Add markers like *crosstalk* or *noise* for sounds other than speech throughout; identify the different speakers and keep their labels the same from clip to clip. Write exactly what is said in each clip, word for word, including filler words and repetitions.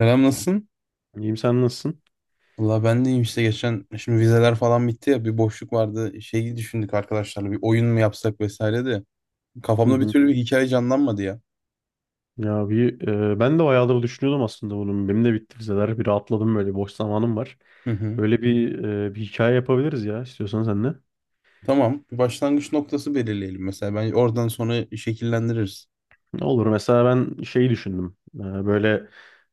Speaker 1: Selam, nasılsın?
Speaker 2: İyiyim, sen nasılsın?
Speaker 1: Valla ben de iyiyim. İşte geçen şimdi vizeler falan bitti ya, bir boşluk vardı, şeyi düşündük arkadaşlarla, bir oyun mu yapsak vesaire de
Speaker 2: Hı
Speaker 1: kafamda bir
Speaker 2: hı.
Speaker 1: türlü bir hikaye canlanmadı ya.
Speaker 2: Ya bir e, ben de bayağıdır düşünüyordum aslında bunun, benim de bitti vizeler. Bir rahatladım, böyle boş zamanım var.
Speaker 1: Hı hı.
Speaker 2: Böyle bir e, bir hikaye yapabiliriz ya, istiyorsan sen de.
Speaker 1: Tamam, bir başlangıç noktası belirleyelim, mesela ben oradan sonra şekillendiririz.
Speaker 2: Olur, mesela ben şeyi düşündüm. E, böyle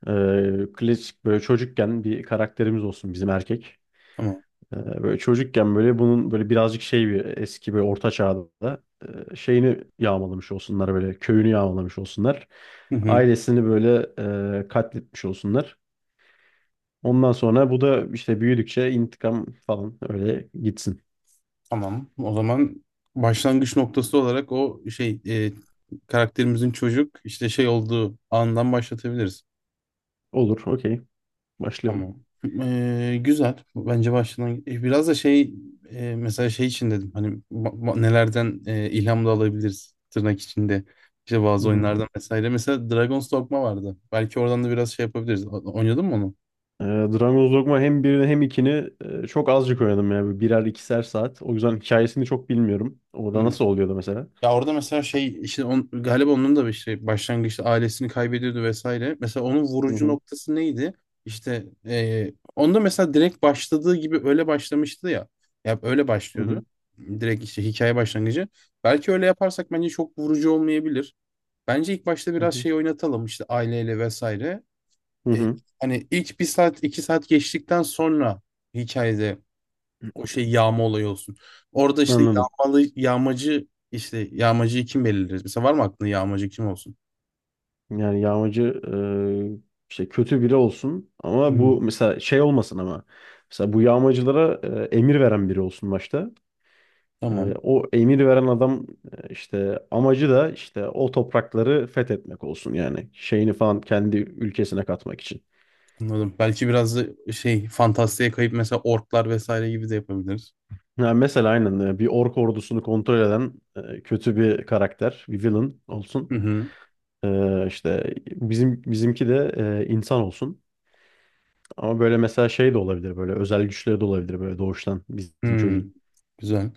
Speaker 2: e, klasik, böyle çocukken bir karakterimiz olsun bizim, erkek.
Speaker 1: Tamam.
Speaker 2: E, Böyle çocukken böyle bunun böyle birazcık şey, bir eski böyle orta çağda e, şeyini yağmalamış olsunlar, böyle köyünü yağmalamış olsunlar.
Speaker 1: Hı hı.
Speaker 2: Ailesini böyle e, katletmiş olsunlar. Ondan sonra bu da işte büyüdükçe intikam falan öyle gitsin.
Speaker 1: Tamam, o zaman başlangıç noktası olarak o şey e, karakterimizin çocuk işte şey olduğu andan başlatabiliriz.
Speaker 2: Olur, okey. Başlayalım.
Speaker 1: Tamam. Ee, güzel. Bence başladan e, biraz da şey e, mesela şey için dedim, hani ba- ba- nelerden e, ilham da alabiliriz, tırnak içinde, işte
Speaker 2: Hı
Speaker 1: bazı
Speaker 2: hı.
Speaker 1: oyunlardan vesaire. Mesela Dragon's Dogma vardı. Belki oradan da biraz şey yapabiliriz. O- Oynadın mı onu?
Speaker 2: Ee, Dragon's Dogma, hem birini hem ikini e, çok azıcık oynadım yani. Birer ikişer saat. O yüzden hikayesini çok bilmiyorum. Orada
Speaker 1: Hı.
Speaker 2: nasıl oluyordu mesela?
Speaker 1: Ya orada mesela şey, işte on, galiba onun da bir şey başlangıçta ailesini kaybediyordu vesaire. Mesela onun
Speaker 2: Hı
Speaker 1: vurucu
Speaker 2: hı.
Speaker 1: noktası neydi? İşte eee, onda mesela direkt başladığı gibi öyle başlamıştı ya. Ya öyle
Speaker 2: Hı
Speaker 1: başlıyordu.
Speaker 2: hı.
Speaker 1: Direkt işte hikaye başlangıcı. Belki öyle yaparsak bence çok vurucu olmayabilir. Bence ilk başta
Speaker 2: Hı
Speaker 1: biraz
Speaker 2: hı.
Speaker 1: şey oynatalım, işte aileyle vesaire.
Speaker 2: Hı
Speaker 1: E,
Speaker 2: hı.
Speaker 1: Hani ilk bir saat iki saat geçtikten sonra hikayede o şey yağma olayı olsun. Orada işte
Speaker 2: Anladım.
Speaker 1: yağmalı yağmacı, işte yağmacıyı kim belirleriz? Mesela var mı aklında yağmacı kim olsun?
Speaker 2: Yani yağmacı e, işte kötü biri olsun, ama
Speaker 1: Hmm.
Speaker 2: bu mesela şey olmasın ama. Mesela bu yağmacılara e, emir veren biri olsun başta. Ee,
Speaker 1: Tamam.
Speaker 2: o emir veren adam, e, işte amacı da işte o toprakları fethetmek olsun, yani şeyini falan kendi ülkesine katmak için.
Speaker 1: Anladım. Belki biraz da şey fantastiğe kayıp mesela orklar vesaire gibi de yapabiliriz.
Speaker 2: Yani mesela aynen, e, bir ork ordusunu kontrol eden e, kötü bir karakter, bir villain olsun.
Speaker 1: Hı hı.
Speaker 2: Ee, işte bizim bizimki de e, insan olsun. Ama böyle mesela şey de olabilir, böyle özel güçleri de olabilir, böyle doğuştan bizim
Speaker 1: Hı.
Speaker 2: çocuğun.
Speaker 1: Güzel.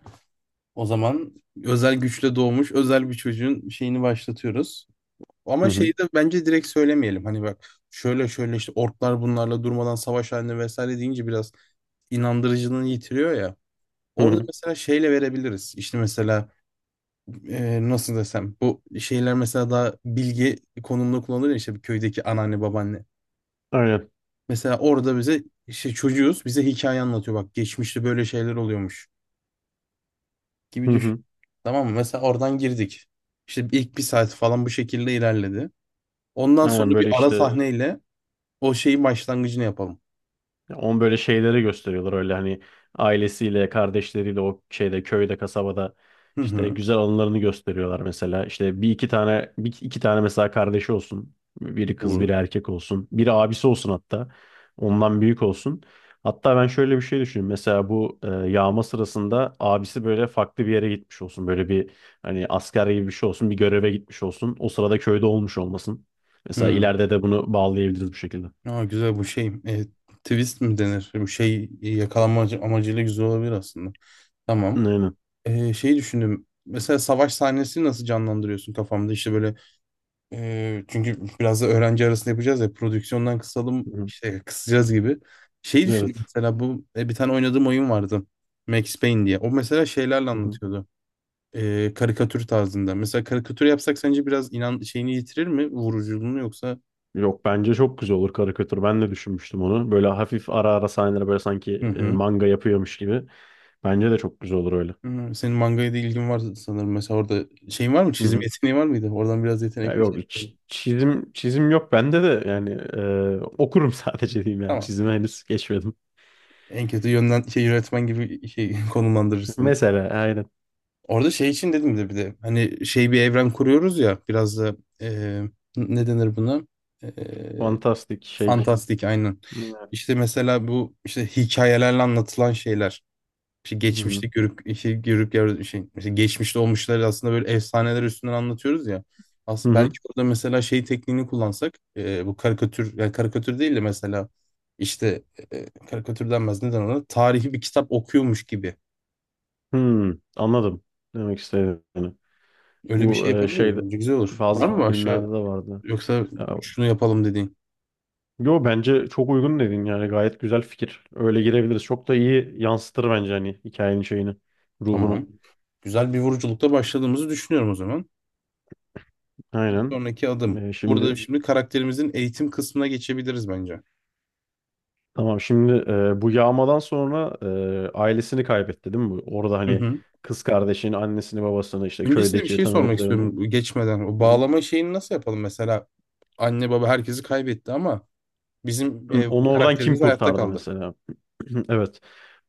Speaker 1: O zaman özel güçle doğmuş özel bir çocuğun şeyini başlatıyoruz.
Speaker 2: Hı
Speaker 1: Ama
Speaker 2: hı.
Speaker 1: şeyi de bence direkt söylemeyelim. Hani bak, şöyle şöyle işte orklar bunlarla durmadan savaş halinde vesaire deyince biraz inandırıcılığını yitiriyor ya.
Speaker 2: Hı
Speaker 1: Orada
Speaker 2: hı.
Speaker 1: mesela şeyle verebiliriz. İşte mesela e, nasıl desem, bu şeyler mesela daha bilgi konumunda kullanılır ya, işte bir köydeki anneanne babaanne.
Speaker 2: Aynen.
Speaker 1: Mesela orada bize işte çocuğuz, bize hikaye anlatıyor, bak geçmişte böyle şeyler oluyormuş
Speaker 2: Hı
Speaker 1: gibi düşün.
Speaker 2: hı.
Speaker 1: Tamam mı? Mesela oradan girdik. İşte ilk bir saat falan bu şekilde ilerledi. Ondan sonra
Speaker 2: Aynen,
Speaker 1: bir
Speaker 2: böyle
Speaker 1: ara
Speaker 2: işte
Speaker 1: sahneyle o şeyin başlangıcını yapalım.
Speaker 2: on, böyle şeyleri gösteriyorlar öyle, hani ailesiyle, kardeşleriyle o şeyde köyde, kasabada
Speaker 1: Hı
Speaker 2: işte
Speaker 1: hı.
Speaker 2: güzel anılarını gösteriyorlar mesela. İşte bir iki tane bir iki tane mesela kardeşi olsun. Biri kız,
Speaker 1: Olur.
Speaker 2: biri erkek olsun. Biri abisi olsun hatta. Ondan büyük olsun. Hatta ben şöyle bir şey düşünüyorum. Mesela bu e, yağma sırasında abisi böyle farklı bir yere gitmiş olsun. Böyle bir, hani asker gibi bir şey olsun. Bir göreve gitmiş olsun. O sırada köyde olmuş olmasın. Mesela
Speaker 1: Hı.
Speaker 2: ileride de bunu bağlayabiliriz bu şekilde.
Speaker 1: Aa, güzel bu şey. E, twist mi denir? Bu şey yakalanma amacı- amacıyla güzel olabilir aslında. Tamam.
Speaker 2: Aynen.
Speaker 1: Ee, şey düşündüm. Mesela savaş sahnesini nasıl canlandırıyorsun kafamda? İşte böyle e, çünkü biraz da öğrenci arasında yapacağız ya, prodüksiyondan kısalım,
Speaker 2: Hı.
Speaker 1: işte kısacağız gibi. Şey düşündüm,
Speaker 2: Evet.
Speaker 1: mesela bu e, bir tane oynadığım oyun vardı. Max Payne diye. O mesela şeylerle
Speaker 2: Hı hı.
Speaker 1: anlatıyordu. Ee, karikatür tarzında. Mesela karikatür yapsak sence biraz inan şeyini yitirir mi? Vuruculuğunu, yoksa...
Speaker 2: Yok, bence çok güzel olur karikatür. Ben de düşünmüştüm onu. Böyle hafif ara ara sahneler, böyle sanki
Speaker 1: Hı
Speaker 2: e,
Speaker 1: hı.
Speaker 2: manga yapıyormuş gibi. Bence de çok güzel olur öyle.
Speaker 1: Hı, senin mangaya da ilgin var sanırım. Mesela orada şeyin var mı?
Speaker 2: Hı
Speaker 1: Çizim
Speaker 2: hı.
Speaker 1: yeteneği var mıydı? Oradan biraz
Speaker 2: Ya
Speaker 1: yetenek.
Speaker 2: yok, hiç çizim çizim yok bende de, yani e, okurum *laughs* sadece diyeyim, yani
Speaker 1: Tamam.
Speaker 2: çizime henüz geçmedim.
Speaker 1: En kötü yönden şey, yönetmen gibi şey *laughs* konumlandırır
Speaker 2: *laughs*
Speaker 1: seni.
Speaker 2: Mesela aynen,
Speaker 1: Orada şey için dedim de, bir de hani şey, bir evren kuruyoruz ya, biraz da e, ne denir buna? E,
Speaker 2: fantastik şey.
Speaker 1: fantastik, aynen.
Speaker 2: Hmm.
Speaker 1: İşte mesela bu işte hikayelerle anlatılan şeyler. İşte
Speaker 2: Hı hı.
Speaker 1: geçmişte görüp, işte görüp gör- şey, işte geçmişte olmuşları aslında böyle efsaneler üstünden anlatıyoruz ya.
Speaker 2: Hı
Speaker 1: Aslında
Speaker 2: hı.
Speaker 1: belki orada mesela şey tekniğini kullansak e, bu karikatür, yani karikatür değil de mesela işte e, karikatür denmez, neden ona tarihi bir kitap okuyormuş gibi.
Speaker 2: Hı. Anladım demek istediğini.
Speaker 1: Öyle bir
Speaker 2: Bu
Speaker 1: şey
Speaker 2: e,
Speaker 1: yapabiliriz.
Speaker 2: şeyde,
Speaker 1: Bence güzel olur.
Speaker 2: bazı
Speaker 1: Var mı
Speaker 2: filmlerde
Speaker 1: başka,
Speaker 2: de vardı.
Speaker 1: yoksa şunu yapalım dediğin?
Speaker 2: Yo, bence çok uygun dedin, yani gayet güzel fikir. Öyle girebiliriz. Çok da iyi yansıtır bence, hani hikayenin şeyini, ruhunu.
Speaker 1: Tamam. Güzel bir vuruculukta başladığımızı düşünüyorum o zaman. Bir
Speaker 2: Aynen.
Speaker 1: sonraki adım.
Speaker 2: Ee,
Speaker 1: Burada
Speaker 2: şimdi
Speaker 1: şimdi karakterimizin eğitim kısmına geçebiliriz bence.
Speaker 2: tamam, şimdi e, bu yağmadan sonra e, ailesini kaybetti değil mi bu? Orada
Speaker 1: Hı
Speaker 2: hani
Speaker 1: hı.
Speaker 2: kız kardeşini, annesini, babasını, işte
Speaker 1: Öncesinde bir
Speaker 2: köydeki
Speaker 1: şey sormak
Speaker 2: tanıdıklarını.
Speaker 1: istiyorum bu geçmeden. O
Speaker 2: Hı hı.
Speaker 1: bağlama şeyini nasıl yapalım mesela? Anne baba herkesi kaybetti ama bizim
Speaker 2: Hı,
Speaker 1: e, bu
Speaker 2: onu oradan kim
Speaker 1: karakterimiz hayatta
Speaker 2: kurtardı
Speaker 1: kaldı.
Speaker 2: mesela? *clears throat* Evet.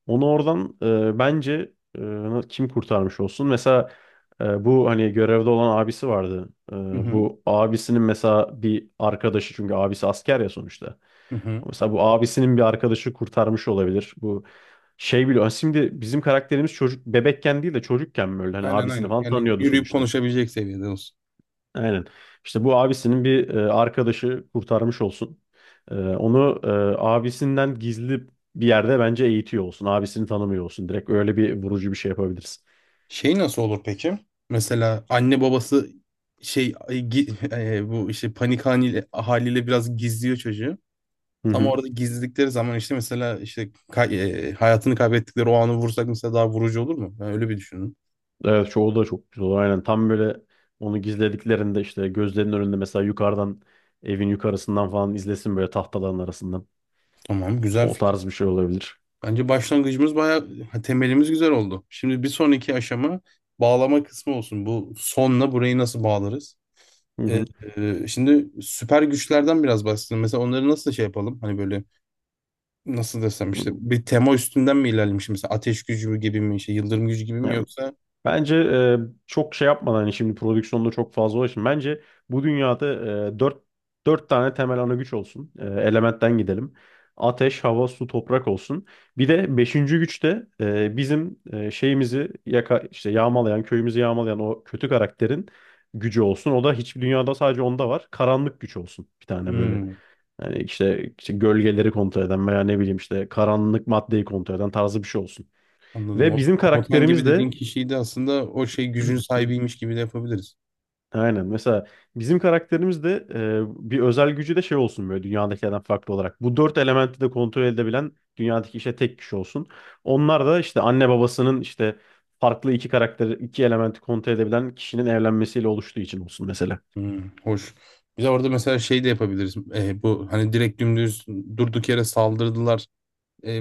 Speaker 2: Onu oradan e, bence e, kim kurtarmış olsun? Mesela e, bu hani görevde olan abisi vardı. E,
Speaker 1: Hı hı,
Speaker 2: bu abisinin mesela bir arkadaşı, çünkü abisi asker ya sonuçta.
Speaker 1: hı hı.
Speaker 2: Mesela bu abisinin bir arkadaşı kurtarmış olabilir. Bu şey biliyor. *laughs* Şimdi bizim karakterimiz çocuk, bebekken değil de çocukken böyle, hani
Speaker 1: Aynen
Speaker 2: abisini
Speaker 1: aynen.
Speaker 2: falan
Speaker 1: Yani
Speaker 2: tanıyordu
Speaker 1: yürüyüp
Speaker 2: sonuçta.
Speaker 1: konuşabilecek seviyede olsun.
Speaker 2: Aynen. İşte bu abisinin bir e, arkadaşı kurtarmış olsun. E, onu e, abisinden gizli bir yerde bence eğitiyor olsun. Abisini tanımıyor olsun. Direkt öyle bir vurucu bir şey yapabiliriz.
Speaker 1: Şey nasıl olur peki? Mesela anne babası şey e, gi- *laughs* e, bu işte panik haliyle, haliyle biraz gizliyor çocuğu.
Speaker 2: Hı
Speaker 1: Tam
Speaker 2: hı.
Speaker 1: orada gizledikleri zaman işte mesela, işte kay- e, hayatını kaybettikleri o anı vursak mesela daha vurucu olur mu? Ben öyle bir düşündüm.
Speaker 2: Evet, çoğu da çok güzel olur. Aynen, tam böyle onu gizlediklerinde işte gözlerinin önünde mesela yukarıdan, evin yukarısından falan izlesin, böyle tahtaların arasından.
Speaker 1: Tamam, güzel.
Speaker 2: O tarz bir şey olabilir.
Speaker 1: Bence başlangıcımız bayağı ha, temelimiz güzel oldu. Şimdi bir sonraki aşama bağlama kısmı olsun. Bu sonla burayı nasıl bağlarız?
Speaker 2: Hı
Speaker 1: Ee,
Speaker 2: hı.
Speaker 1: e, şimdi süper güçlerden biraz bahsedelim. Mesela onları nasıl şey yapalım? Hani böyle nasıl desem, işte bir tema üstünden mi ilerlemiş? Mesela ateş gücü mü gibi mi? Şey, yıldırım gücü gibi mi
Speaker 2: Yani
Speaker 1: yoksa?
Speaker 2: bence e, çok şey yapmadan, hani şimdi prodüksiyonda çok fazla ulaşın. Bence bu dünyada e, dört, dört tane temel ana güç olsun. E, elementten gidelim. Ateş, hava, su, toprak olsun. Bir de beşinci güç de e, bizim e, şeyimizi yaka, işte yağmalayan, köyümüzü yağmalayan o kötü karakterin gücü olsun. O da hiçbir dünyada, sadece onda var. Karanlık güç olsun, bir tane böyle.
Speaker 1: Hmm,
Speaker 2: Yani işte, işte gölgeleri kontrol eden veya ne bileyim işte karanlık maddeyi kontrol eden tarzı bir şey olsun.
Speaker 1: anladım. O
Speaker 2: Ve bizim
Speaker 1: komutan gibi
Speaker 2: karakterimiz
Speaker 1: dediğin
Speaker 2: de
Speaker 1: kişiyi de aslında o şey gücün
Speaker 2: *clears throat*
Speaker 1: sahibiymiş gibi de yapabiliriz.
Speaker 2: aynen. Mesela bizim karakterimiz de e, bir özel gücü de şey olsun, böyle dünyadakilerden farklı olarak. Bu dört elementi de kontrol edebilen, dünyadaki işte tek kişi olsun. Onlar da işte anne babasının işte farklı iki karakteri, iki elementi kontrol edebilen kişinin evlenmesiyle oluştuğu için olsun mesela.
Speaker 1: Hmm, hoş. Bir de orada mesela şey de yapabiliriz. Ee, bu hani direkt dümdüz durduk yere saldırdılar. e,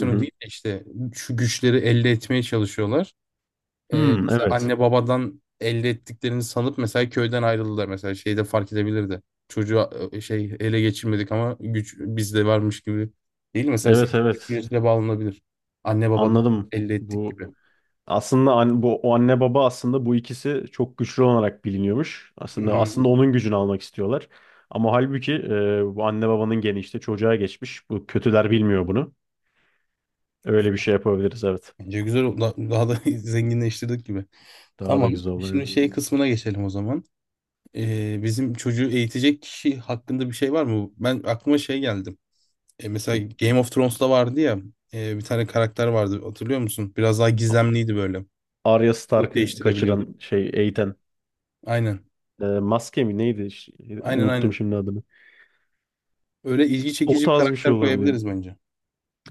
Speaker 2: Hı hı.
Speaker 1: değil de işte şu güçleri elde etmeye çalışıyorlar. E,
Speaker 2: Hmm,
Speaker 1: mesela
Speaker 2: evet.
Speaker 1: anne babadan elde ettiklerini sanıp mesela köyden ayrıldılar, mesela şeyde fark edebilirdi. Çocuğu e, şey, ele geçirmedik ama güç bizde varmış gibi, değil mi? Mesela senin
Speaker 2: Evet evet.
Speaker 1: güçle bağlanabilir. Anne babadan
Speaker 2: Anladım.
Speaker 1: elde ettik
Speaker 2: Bu
Speaker 1: gibi.
Speaker 2: aslında an-, bu o anne baba aslında, bu ikisi çok güçlü olarak biliniyormuş.
Speaker 1: Hı
Speaker 2: Aslında
Speaker 1: hı.
Speaker 2: aslında onun gücünü almak istiyorlar. Ama halbuki e, bu anne babanın geni işte çocuğa geçmiş. Bu kötüler bilmiyor bunu. Öyle bir şey yapabiliriz, evet.
Speaker 1: Bence güzel oldu. Da- Daha da *laughs* zenginleştirdik gibi.
Speaker 2: Daha da
Speaker 1: Tamam.
Speaker 2: güzel olur
Speaker 1: Şimdi
Speaker 2: yani.
Speaker 1: şey kısmına geçelim o zaman. E, bizim çocuğu eğitecek kişi hakkında bir şey var mı? Ben aklıma şey geldi. E, mesela Game of Thrones'ta vardı ya, e, bir tane karakter vardı, hatırlıyor musun? Biraz daha gizemliydi böyle.
Speaker 2: Arya
Speaker 1: Kılık
Speaker 2: Stark'ı
Speaker 1: değiştirebiliyordu.
Speaker 2: kaçıran şey, Eiten.
Speaker 1: Aynen.
Speaker 2: E, maske mi neydi? Ş-,
Speaker 1: Aynen
Speaker 2: unuttum
Speaker 1: aynen.
Speaker 2: şimdi adını.
Speaker 1: Öyle ilgi
Speaker 2: O
Speaker 1: çekici bir
Speaker 2: tarz bir şey
Speaker 1: karakter
Speaker 2: olabilir.
Speaker 1: koyabiliriz bence.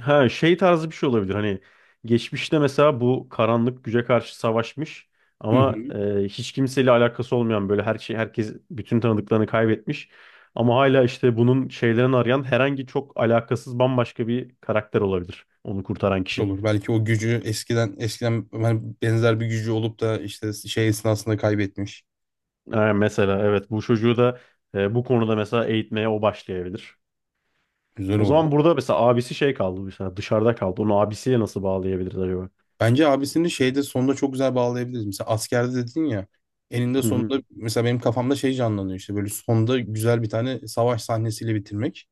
Speaker 2: Ha şey tarzı bir şey olabilir. Hani geçmişte mesela bu karanlık güce karşı savaşmış,
Speaker 1: Hı
Speaker 2: ama
Speaker 1: hı.
Speaker 2: e, hiç kimseyle alakası olmayan, böyle her şey, herkes, bütün tanıdıklarını kaybetmiş. Ama hala işte bunun şeylerini arayan, herhangi çok alakasız bambaşka bir karakter olabilir. Onu kurtaran kişi.
Speaker 1: Olur. Belki o gücü eskiden eskiden hani benzer bir gücü olup da işte şey esnasında kaybetmiş.
Speaker 2: Ha, mesela evet, bu çocuğu da e, bu konuda mesela eğitmeye o başlayabilir.
Speaker 1: Güzel
Speaker 2: O zaman
Speaker 1: oldu.
Speaker 2: burada mesela abisi şey kaldı, mesela dışarıda kaldı. Onu abisiyle nasıl bağlayabiliriz acaba?
Speaker 1: Bence abisini şeyde sonunda çok güzel bağlayabiliriz. Mesela askerde dedin ya, eninde
Speaker 2: Hı hı,
Speaker 1: sonunda mesela benim kafamda şey canlanıyor, işte böyle sonda güzel bir tane savaş sahnesiyle bitirmek.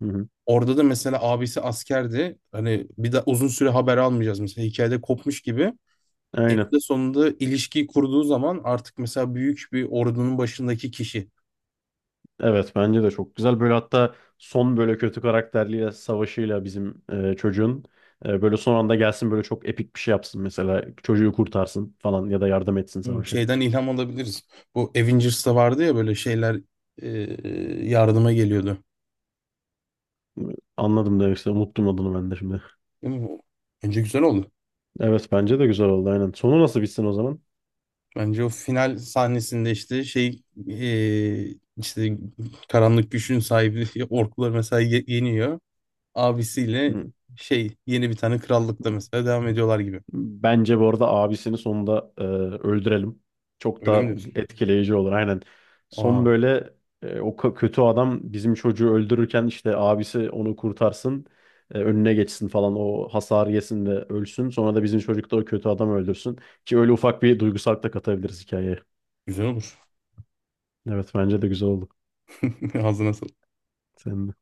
Speaker 2: hı hı.
Speaker 1: Orada da mesela abisi askerdi. Hani bir de uzun süre haber almayacağız, mesela hikayede kopmuş gibi.
Speaker 2: Aynen.
Speaker 1: Eninde sonunda ilişkiyi kurduğu zaman artık mesela büyük bir ordunun başındaki kişi.
Speaker 2: Evet, bence de çok güzel. Böyle hatta son böyle kötü karakterliyle savaşıyla bizim e, çocuğun e, böyle son anda gelsin, böyle çok epik bir şey yapsın mesela. Çocuğu kurtarsın falan ya da yardım etsin
Speaker 1: Hmm,
Speaker 2: savaşa.
Speaker 1: şeyden ilham alabiliriz. Bu Avengers'ta vardı ya böyle şeyler e, yardıma geliyordu.
Speaker 2: Anladım demek istedim. Unuttum adını ben de şimdi.
Speaker 1: Değil mi? Bence güzel oldu.
Speaker 2: Evet, bence de güzel oldu, aynen. Sonu nasıl bitsin o zaman?
Speaker 1: Bence o final sahnesinde işte şey e, işte karanlık güçün sahibi *laughs* orklar mesela ye- yeniyor. Abisiyle
Speaker 2: Hı.
Speaker 1: şey, yeni bir tane krallıkta mesela devam ediyorlar gibi.
Speaker 2: Bence bu arada abisini sonunda e, öldürelim. Çok
Speaker 1: Öyle mi
Speaker 2: da
Speaker 1: diyorsun?
Speaker 2: etkileyici olur, aynen.
Speaker 1: Aa,
Speaker 2: Son böyle e, o k-, kötü adam bizim çocuğu öldürürken işte abisi onu kurtarsın. E, önüne geçsin falan, o hasar yesin ve ölsün. Sonra da bizim çocuk da o kötü adamı öldürsün. Ki öyle ufak bir duygusallık da katabiliriz hikayeye.
Speaker 1: güzel olur.
Speaker 2: Evet, bence de güzel oldu.
Speaker 1: *laughs* Ağzına sağlık.
Speaker 2: Senin de.